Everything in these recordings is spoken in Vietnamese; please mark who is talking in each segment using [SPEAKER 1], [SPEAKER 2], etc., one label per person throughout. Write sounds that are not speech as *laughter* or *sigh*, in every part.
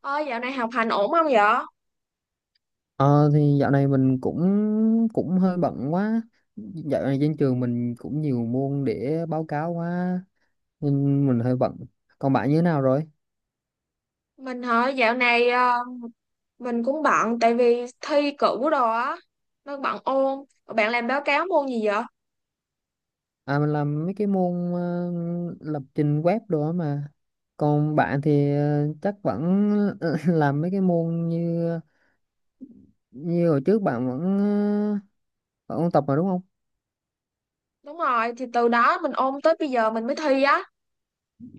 [SPEAKER 1] Ôi, dạo này học hành ổn không vậy?
[SPEAKER 2] Ờ thì dạo này mình cũng cũng hơi bận quá. Dạo này trên trường mình cũng nhiều môn để báo cáo quá nên mình hơi bận. Còn bạn như thế nào rồi?
[SPEAKER 1] Mình hả? Dạo này mình cũng bận tại vì thi cử đồ á, nó bận ôn. Rồi bạn làm báo cáo môn gì vậy?
[SPEAKER 2] À mình làm mấy cái môn lập trình web đồ á mà. Còn bạn thì chắc vẫn *laughs* làm mấy cái môn như như hồi trước bạn vẫn ôn tập mà đúng không?
[SPEAKER 1] Đúng rồi, thì từ đó mình ôn tới bây giờ mình mới thi á.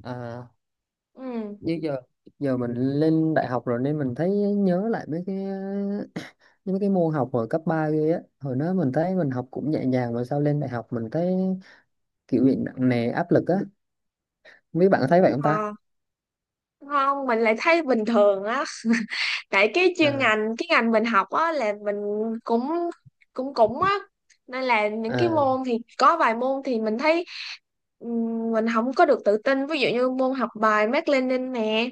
[SPEAKER 2] À,
[SPEAKER 1] Ừ.
[SPEAKER 2] như giờ giờ mình lên đại học rồi nên mình thấy nhớ lại mấy cái những cái môn học hồi cấp 3 kia á. Hồi đó mình thấy mình học cũng nhẹ nhàng mà sao lên đại học mình thấy kiểu bị nặng nề áp lực á. Mấy bạn có thấy
[SPEAKER 1] Vậy
[SPEAKER 2] vậy không ta?
[SPEAKER 1] hả? Không, mình lại thấy bình thường á. Tại cái chuyên
[SPEAKER 2] À,
[SPEAKER 1] ngành, cái ngành mình học á là mình cũng cũng cũng á. Nên là những cái
[SPEAKER 2] à,
[SPEAKER 1] môn thì có vài môn thì mình thấy ừ, mình không có được tự tin. Ví dụ như môn học bài Mác Lênin nè,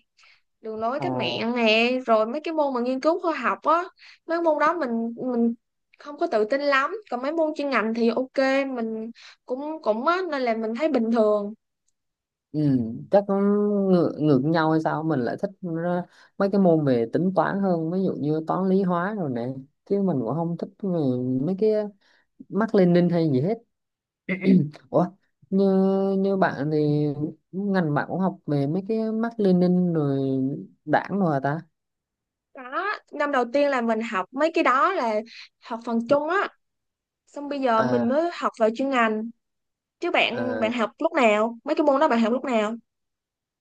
[SPEAKER 1] đường lối
[SPEAKER 2] ờ,
[SPEAKER 1] cách mạng nè, rồi mấy cái môn mà nghiên cứu khoa học á, mấy môn đó mình không có tự tin lắm, còn mấy môn chuyên ngành thì ok, mình cũng cũng á nên là mình thấy bình thường
[SPEAKER 2] ừ, chắc nó ngược nhau hay sao mình lại thích ờ, mấy cái môn về tính toán hơn, ví dụ như toán lý hóa rồi nè, chứ mình cũng không thích về mấy cái mác Lênin hay gì hết. Ủa, như như bạn thì ngành bạn cũng học về mấy cái mác Lênin rồi đảng rồi hả ta?
[SPEAKER 1] đó. Năm đầu tiên là mình học mấy cái đó, là học phần chung á, xong bây giờ mình
[SPEAKER 2] À,
[SPEAKER 1] mới học về chuyên ngành chứ bạn
[SPEAKER 2] à.
[SPEAKER 1] bạn học lúc nào, mấy cái môn đó bạn học lúc nào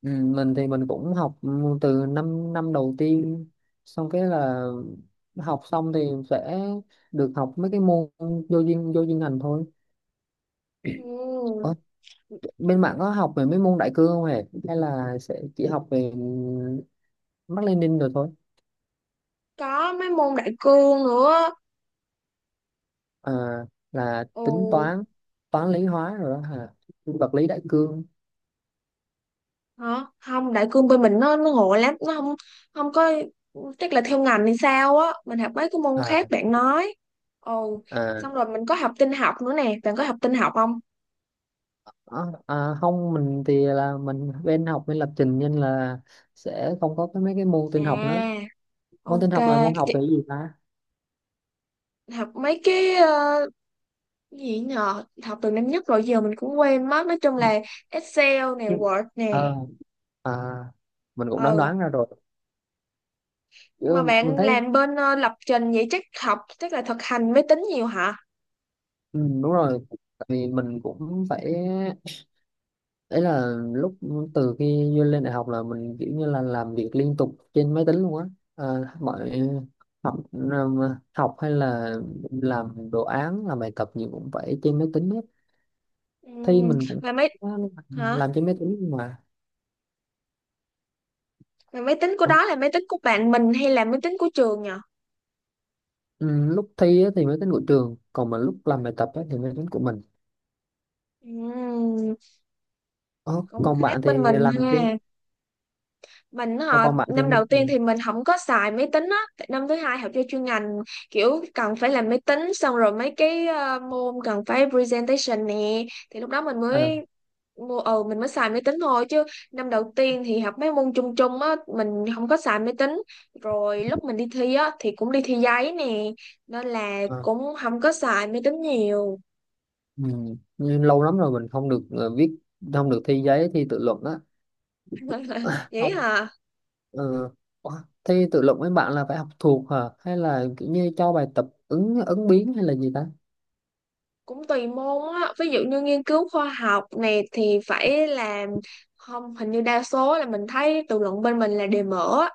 [SPEAKER 2] Ừ, mình thì mình cũng học từ năm năm đầu tiên xong cái là học xong thì sẽ được học mấy cái môn vô duyên ngành thôi.
[SPEAKER 1] ừ,
[SPEAKER 2] Ủa, bên bạn có học về mấy môn đại cương không hề hay là sẽ chỉ học về Mác Lênin rồi thôi?
[SPEAKER 1] có mấy môn đại cương nữa.
[SPEAKER 2] À, là
[SPEAKER 1] Ừ.
[SPEAKER 2] tính toán toán lý hóa rồi đó hả? Vật lý đại cương.
[SPEAKER 1] Hả? Không, đại cương bên mình nó ngộ lắm, nó không không có, chắc là theo ngành hay sao á, mình học mấy cái môn khác
[SPEAKER 2] À,
[SPEAKER 1] bạn nói. Ồ,
[SPEAKER 2] à,
[SPEAKER 1] xong rồi mình có học tin học nữa nè, bạn có học tin học không?
[SPEAKER 2] ờ, à, không mình thì là mình bên học bên lập trình nên là sẽ không có cái mấy cái môn tin học nữa.
[SPEAKER 1] À,
[SPEAKER 2] Môn tin
[SPEAKER 1] ok,
[SPEAKER 2] học là môn học về
[SPEAKER 1] Chị-
[SPEAKER 2] cái gì ta?
[SPEAKER 1] học mấy cái gì nhờ, học từ năm nhất rồi giờ mình cũng quên mất, nói chung là Excel nè,
[SPEAKER 2] Nhưng-
[SPEAKER 1] Word nè.
[SPEAKER 2] ờ à, mình cũng đoán
[SPEAKER 1] Ừ,
[SPEAKER 2] đoán ra rồi
[SPEAKER 1] mà
[SPEAKER 2] chứ mình
[SPEAKER 1] bạn
[SPEAKER 2] thấy.
[SPEAKER 1] làm bên lập trình vậy chắc học chắc là thực hành máy tính nhiều hả?
[SPEAKER 2] Ừ, đúng rồi, tại vì mình cũng phải ấy là lúc từ khi vô lên đại học là mình kiểu như là làm việc liên tục trên máy tính luôn á. À, mọi học học hay là làm đồ án làm bài tập gì cũng phải trên máy tính hết.
[SPEAKER 1] Ừ,
[SPEAKER 2] Thi mình cũng
[SPEAKER 1] mà
[SPEAKER 2] phải
[SPEAKER 1] mấy hả?
[SPEAKER 2] làm trên máy tính mà.
[SPEAKER 1] Mà máy tính của
[SPEAKER 2] Ủa,
[SPEAKER 1] đó là máy tính của bạn mình hay là máy tính của trường nhỉ?
[SPEAKER 2] ừ, lúc thi á thì máy tính của trường còn mà lúc làm bài tập á thì máy tính của mình.
[SPEAKER 1] Ừm,
[SPEAKER 2] Ờ,
[SPEAKER 1] cũng
[SPEAKER 2] còn bạn
[SPEAKER 1] khác
[SPEAKER 2] thì
[SPEAKER 1] bên mình
[SPEAKER 2] làm chứ
[SPEAKER 1] ha. Mình
[SPEAKER 2] ờ,
[SPEAKER 1] họ
[SPEAKER 2] còn bạn thì
[SPEAKER 1] năm
[SPEAKER 2] như
[SPEAKER 1] đầu tiên thì mình không có xài máy tính á, tại năm thứ hai học cho chuyên ngành kiểu cần phải làm máy tính, xong rồi mấy cái môn cần phải presentation nè thì lúc đó mình
[SPEAKER 2] à,
[SPEAKER 1] mới mua mình mới xài máy tính thôi, chứ năm đầu tiên thì học mấy môn chung chung á, mình không có xài máy tính, rồi lúc mình đi thi á thì cũng đi thi giấy nè, nên là
[SPEAKER 2] à,
[SPEAKER 1] cũng không có xài máy tính nhiều.
[SPEAKER 2] ừ. Như lâu lắm rồi mình không được viết không được thi giấy thi tự luận á.
[SPEAKER 1] *laughs*
[SPEAKER 2] *laughs*
[SPEAKER 1] Vậy
[SPEAKER 2] Không,
[SPEAKER 1] hả?
[SPEAKER 2] ừ. Ủa, thi tự luận với bạn là phải học thuộc hả hay là kiểu như cho bài tập ứng ứng biến hay là gì ta?
[SPEAKER 1] Cũng tùy môn á, ví dụ như nghiên cứu khoa học này thì phải làm, không hình như đa số là mình thấy tự luận bên mình là đề mở á.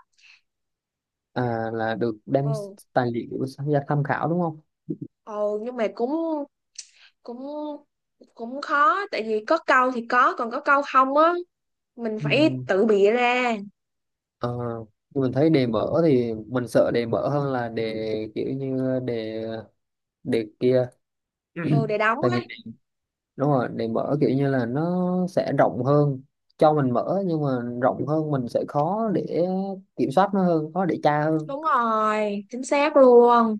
[SPEAKER 2] À, là được đem
[SPEAKER 1] Ừ.
[SPEAKER 2] tài liệu sang ra tham khảo đúng không?
[SPEAKER 1] Ồ, nhưng mà cũng cũng cũng khó tại vì có câu thì có, còn có câu không á, mình phải
[SPEAKER 2] Ừ.
[SPEAKER 1] tự bịa ra.
[SPEAKER 2] Ờ, nhưng mình thấy đề mở thì mình sợ đề mở hơn là đề kiểu như đề đề kia
[SPEAKER 1] Ừ để
[SPEAKER 2] *clears throat*
[SPEAKER 1] đóng
[SPEAKER 2] tại
[SPEAKER 1] á.
[SPEAKER 2] vì đúng rồi để mở kiểu như là nó sẽ rộng hơn cho mình mở nhưng mà rộng hơn mình sẽ khó để kiểm soát nó hơn, khó để tra hơn.
[SPEAKER 1] Đúng rồi, chính xác luôn.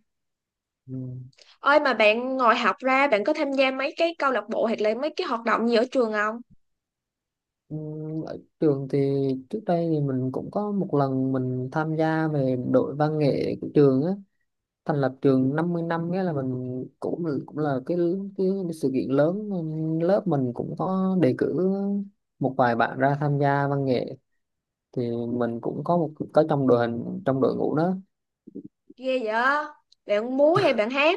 [SPEAKER 2] Ừ.
[SPEAKER 1] Ơi, mà bạn ngồi học ra bạn có tham gia mấy cái câu lạc bộ hoặc là mấy cái hoạt động gì ở trường không?
[SPEAKER 2] Ừ, ở trường thì trước đây thì mình cũng có một lần mình tham gia về đội văn nghệ của trường á. Thành lập trường 50 năm nghĩa là mình cũng cũng là cái sự kiện lớn. Lớp mình cũng có đề cử một vài bạn ra tham gia văn nghệ thì mình cũng có một có trong đội hình trong đội ngũ đó.
[SPEAKER 1] Ghê vậy, bạn múa hay bạn hát?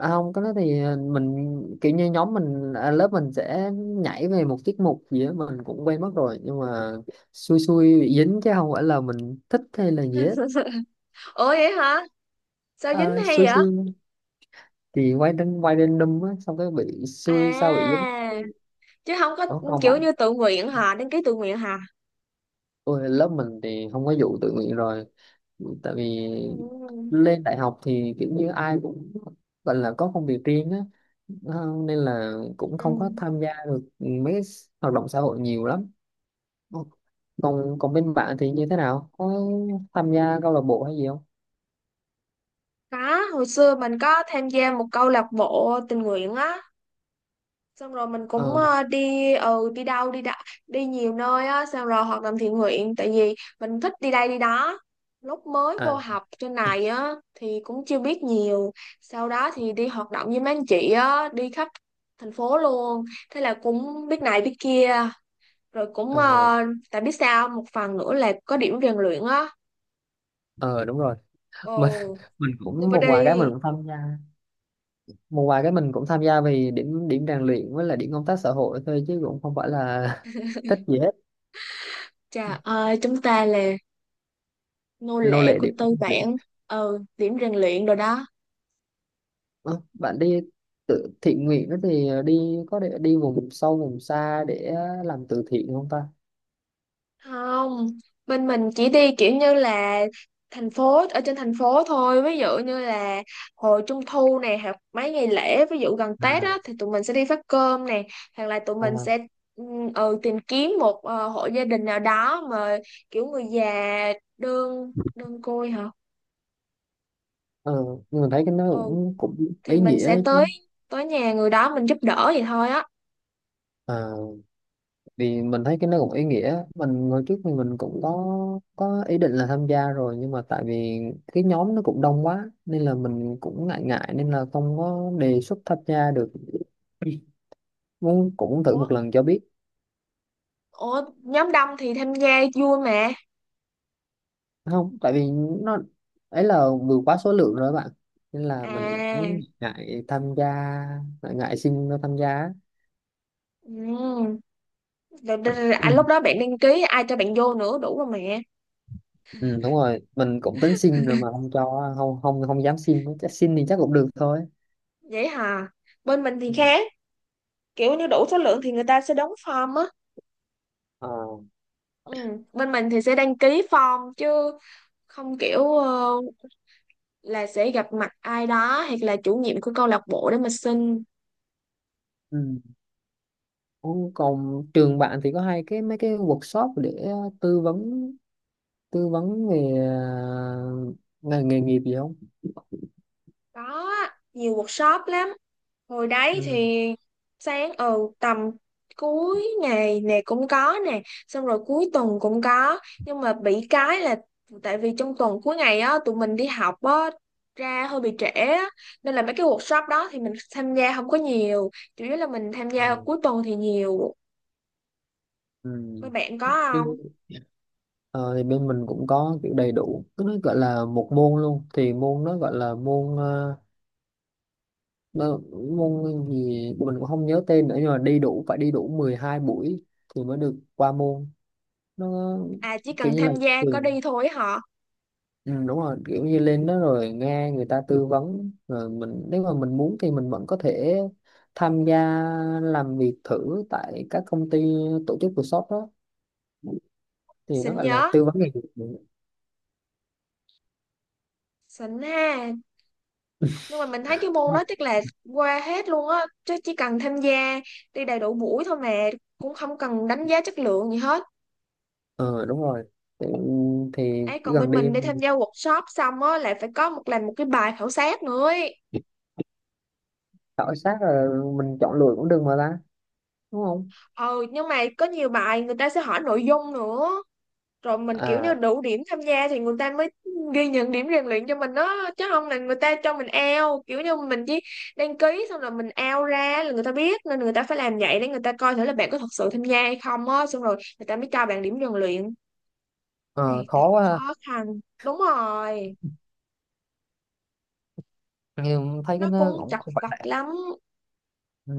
[SPEAKER 2] À, không cái đó thì mình kiểu như nhóm mình à, lớp mình sẽ nhảy về một tiết mục gì đó mình cũng quen mất rồi nhưng mà xui xui bị dính chứ không phải là mình thích hay là gì hết.
[SPEAKER 1] Ủa vậy hả, sao dính
[SPEAKER 2] Ờ,
[SPEAKER 1] hay
[SPEAKER 2] xui
[SPEAKER 1] vậy?
[SPEAKER 2] xui thì quay random á xong cái bị
[SPEAKER 1] À
[SPEAKER 2] xui sao bị dính.
[SPEAKER 1] chứ không có
[SPEAKER 2] Ủa, không
[SPEAKER 1] kiểu
[SPEAKER 2] bạn.
[SPEAKER 1] như tự nguyện hả, đăng ký tự nguyện hả?
[SPEAKER 2] Ôi, lớp mình thì không có vụ tự nguyện rồi tại vì
[SPEAKER 1] Ừ.
[SPEAKER 2] lên đại học thì kiểu như ai cũng gọi là có công việc riêng á. Ờ, nên là cũng
[SPEAKER 1] Ừ.
[SPEAKER 2] không có tham gia được mấy cái hoạt động xã hội nhiều lắm. Ồ, còn còn bên bạn thì như thế nào, có tham gia câu lạc bộ hay gì không?
[SPEAKER 1] Có, hồi xưa mình có tham gia một câu lạc bộ tình nguyện á, xong rồi mình
[SPEAKER 2] Ờ,
[SPEAKER 1] cũng đi đi đâu đi nhiều nơi á, xong rồi hoạt động thiện nguyện tại vì mình thích đi đây đi đó. Lúc mới vô
[SPEAKER 2] à
[SPEAKER 1] học trên này á thì cũng chưa biết nhiều, sau đó thì đi hoạt động với mấy anh chị á, đi khắp thành phố luôn, thế là cũng biết này biết kia, rồi cũng
[SPEAKER 2] ờ
[SPEAKER 1] tại biết sao, một phần nữa là có điểm rèn luyện á.
[SPEAKER 2] ờ đúng rồi mình
[SPEAKER 1] Ồ
[SPEAKER 2] *laughs* mình cũng
[SPEAKER 1] never
[SPEAKER 2] một vài cái mình
[SPEAKER 1] đi.
[SPEAKER 2] cũng tham gia một vài cái mình cũng tham gia vì điểm điểm rèn luyện với là điểm công tác xã hội thôi chứ cũng không phải là *laughs* thích gì hết.
[SPEAKER 1] Trời ơi, chúng ta là nô
[SPEAKER 2] Nô
[SPEAKER 1] lệ
[SPEAKER 2] lệ
[SPEAKER 1] của
[SPEAKER 2] điểm,
[SPEAKER 1] tư
[SPEAKER 2] điểm.
[SPEAKER 1] bản. Ừ điểm rèn luyện rồi đó.
[SPEAKER 2] Ờ, bạn đi tự thiện nguyện đó thì đi có để đi vùng sâu vùng xa để làm từ thiện không ta?
[SPEAKER 1] Không, bên mình chỉ đi kiểu như là thành phố, ở trên thành phố thôi, ví dụ như là hồi trung thu này hoặc mấy ngày lễ, ví dụ gần Tết á
[SPEAKER 2] À,
[SPEAKER 1] thì tụi mình sẽ đi phát cơm nè, hoặc là tụi mình sẽ
[SPEAKER 2] à.
[SPEAKER 1] ừ, tìm kiếm một hộ gia đình nào đó mà kiểu người già đơn đơn côi hả,
[SPEAKER 2] Ờ, nhưng mà thấy cái nó
[SPEAKER 1] ừ
[SPEAKER 2] cũng cũng
[SPEAKER 1] thì
[SPEAKER 2] ý
[SPEAKER 1] mình sẽ
[SPEAKER 2] nghĩa chứ.
[SPEAKER 1] tới tới nhà người đó mình giúp đỡ vậy thôi á.
[SPEAKER 2] Ờ. Thì mình thấy cái nó cũng ý nghĩa. Mình hồi trước thì mình cũng có ý định là tham gia rồi nhưng mà tại vì cái nhóm nó cũng đông quá nên là mình cũng ngại ngại nên là không có đề xuất tham gia được, muốn cũng thử
[SPEAKER 1] Ủa,
[SPEAKER 2] một lần cho biết.
[SPEAKER 1] ủa nhóm đông thì tham gia vui mà.
[SPEAKER 2] Không, tại vì nó ấy là vừa quá số lượng rồi các bạn nên là mình
[SPEAKER 1] À.
[SPEAKER 2] cũng ngại tham gia. Ngại xin nó tham gia á.
[SPEAKER 1] Ừm, rồi, rồi, rồi, à,
[SPEAKER 2] Ừ.
[SPEAKER 1] lúc đó bạn đăng ký ai cho bạn vô nữa, đủ rồi mẹ.
[SPEAKER 2] Ừ, đúng rồi mình cũng tính xin rồi mà không cho không không không dám xin, chắc xin thì chắc cũng được thôi.
[SPEAKER 1] Vậy hả, bên mình thì
[SPEAKER 2] Ừ.
[SPEAKER 1] khác, kiểu như đủ số lượng thì người ta sẽ đóng form á.
[SPEAKER 2] Ờ.
[SPEAKER 1] Ừ. Bên mình thì sẽ đăng ký form chứ không kiểu là sẽ gặp mặt ai đó hoặc là chủ nhiệm của câu lạc bộ để mà xin.
[SPEAKER 2] Ừ. Ồ, còn trường bạn thì có hay cái mấy cái workshop để tư vấn tư vấn về nghề nghiệp gì không?
[SPEAKER 1] Có á, nhiều workshop lắm, hồi đấy
[SPEAKER 2] Ừ.
[SPEAKER 1] thì sáng tầm cuối ngày này cũng có nè, xong rồi cuối tuần cũng có, nhưng mà bị cái là tại vì trong tuần cuối ngày á tụi mình đi học á, ra hơi bị trễ á, nên là mấy cái workshop đó thì mình tham gia không có nhiều, chủ yếu là mình tham
[SPEAKER 2] Ờ.
[SPEAKER 1] gia cuối tuần thì nhiều.
[SPEAKER 2] Ừ.
[SPEAKER 1] Mấy bạn có
[SPEAKER 2] Chứ,
[SPEAKER 1] không?
[SPEAKER 2] ờ, thì bên mình cũng có kiểu đầy đủ cái nó gọi là một môn luôn thì môn nó gọi là môn nó, môn gì mình cũng không nhớ tên nữa nhưng mà đi đủ phải đi đủ 12 buổi thì mới được qua môn. Nó
[SPEAKER 1] À chỉ
[SPEAKER 2] kiểu
[SPEAKER 1] cần
[SPEAKER 2] như là
[SPEAKER 1] tham gia có
[SPEAKER 2] trường.
[SPEAKER 1] đi thôi họ.
[SPEAKER 2] Ừ, đúng rồi kiểu như lên đó rồi nghe người ta tư vấn rồi mình nếu mà mình muốn thì mình vẫn có thể tham gia làm việc thử tại các công ty tổ chức workshop đó thì nó
[SPEAKER 1] Xịn
[SPEAKER 2] gọi là
[SPEAKER 1] nhớ,
[SPEAKER 2] tư vấn nghề nghiệp.
[SPEAKER 1] xịn ha. Nhưng mà mình thấy cái môn đó chắc là qua hết luôn á, chứ chỉ cần tham gia đi đầy đủ buổi thôi mà, cũng không cần đánh giá chất lượng gì hết.
[SPEAKER 2] Ờ, đúng rồi. Thì, thì
[SPEAKER 1] Ấy
[SPEAKER 2] chỉ
[SPEAKER 1] còn
[SPEAKER 2] cần
[SPEAKER 1] bên
[SPEAKER 2] đi
[SPEAKER 1] mình đi tham
[SPEAKER 2] mình
[SPEAKER 1] gia workshop xong á là phải có làm một cái bài khảo sát nữa ấy.
[SPEAKER 2] khảo sát rồi mình chọn lựa cũng được mà ta, đúng không?
[SPEAKER 1] Ừ nhưng mà có nhiều bài người ta sẽ hỏi nội dung nữa, rồi mình kiểu như
[SPEAKER 2] À.
[SPEAKER 1] đủ điểm tham gia thì người ta mới ghi nhận điểm rèn luyện cho mình đó, chứ không là người ta cho mình out, kiểu như mình chỉ đăng ký xong là mình out ra là người ta biết, nên người ta phải làm vậy để người ta coi thử là bạn có thật sự tham gia hay không á, xong rồi người ta mới cho bạn điểm rèn luyện. Cái
[SPEAKER 2] Ờ,
[SPEAKER 1] này thật
[SPEAKER 2] khó quá ha.
[SPEAKER 1] khó khăn. Đúng rồi,
[SPEAKER 2] Nhưng thấy cái
[SPEAKER 1] nó
[SPEAKER 2] nó
[SPEAKER 1] cũng
[SPEAKER 2] cũng
[SPEAKER 1] chặt
[SPEAKER 2] không phải
[SPEAKER 1] vặt
[SPEAKER 2] là.
[SPEAKER 1] lắm
[SPEAKER 2] Ừ,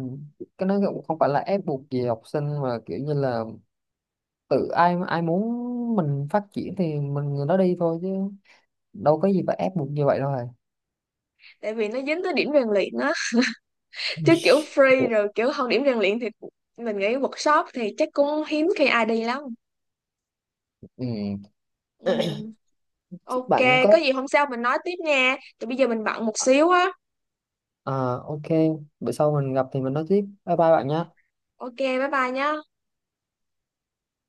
[SPEAKER 2] cái nó cũng không phải là ép buộc gì học sinh mà kiểu như là tự ai ai muốn mình phát triển thì mình người đó đi thôi chứ đâu có gì phải ép buộc như vậy đâu rồi.
[SPEAKER 1] tại vì nó dính tới điểm rèn luyện á, chứ kiểu free
[SPEAKER 2] *laughs*
[SPEAKER 1] rồi, kiểu không điểm rèn luyện thì mình nghĩ workshop thì chắc cũng hiếm khi ai đi lắm.
[SPEAKER 2] Ừ,
[SPEAKER 1] Ừ.
[SPEAKER 2] chúc
[SPEAKER 1] Ok,
[SPEAKER 2] bạn
[SPEAKER 1] có
[SPEAKER 2] có.
[SPEAKER 1] gì hôm sau mình nói tiếp nha. Thì bây giờ mình bận một xíu á.
[SPEAKER 2] Ờ, ok, bữa sau mình gặp thì mình nói tiếp, bye bye bạn nha.
[SPEAKER 1] Ok, bye bye nhá.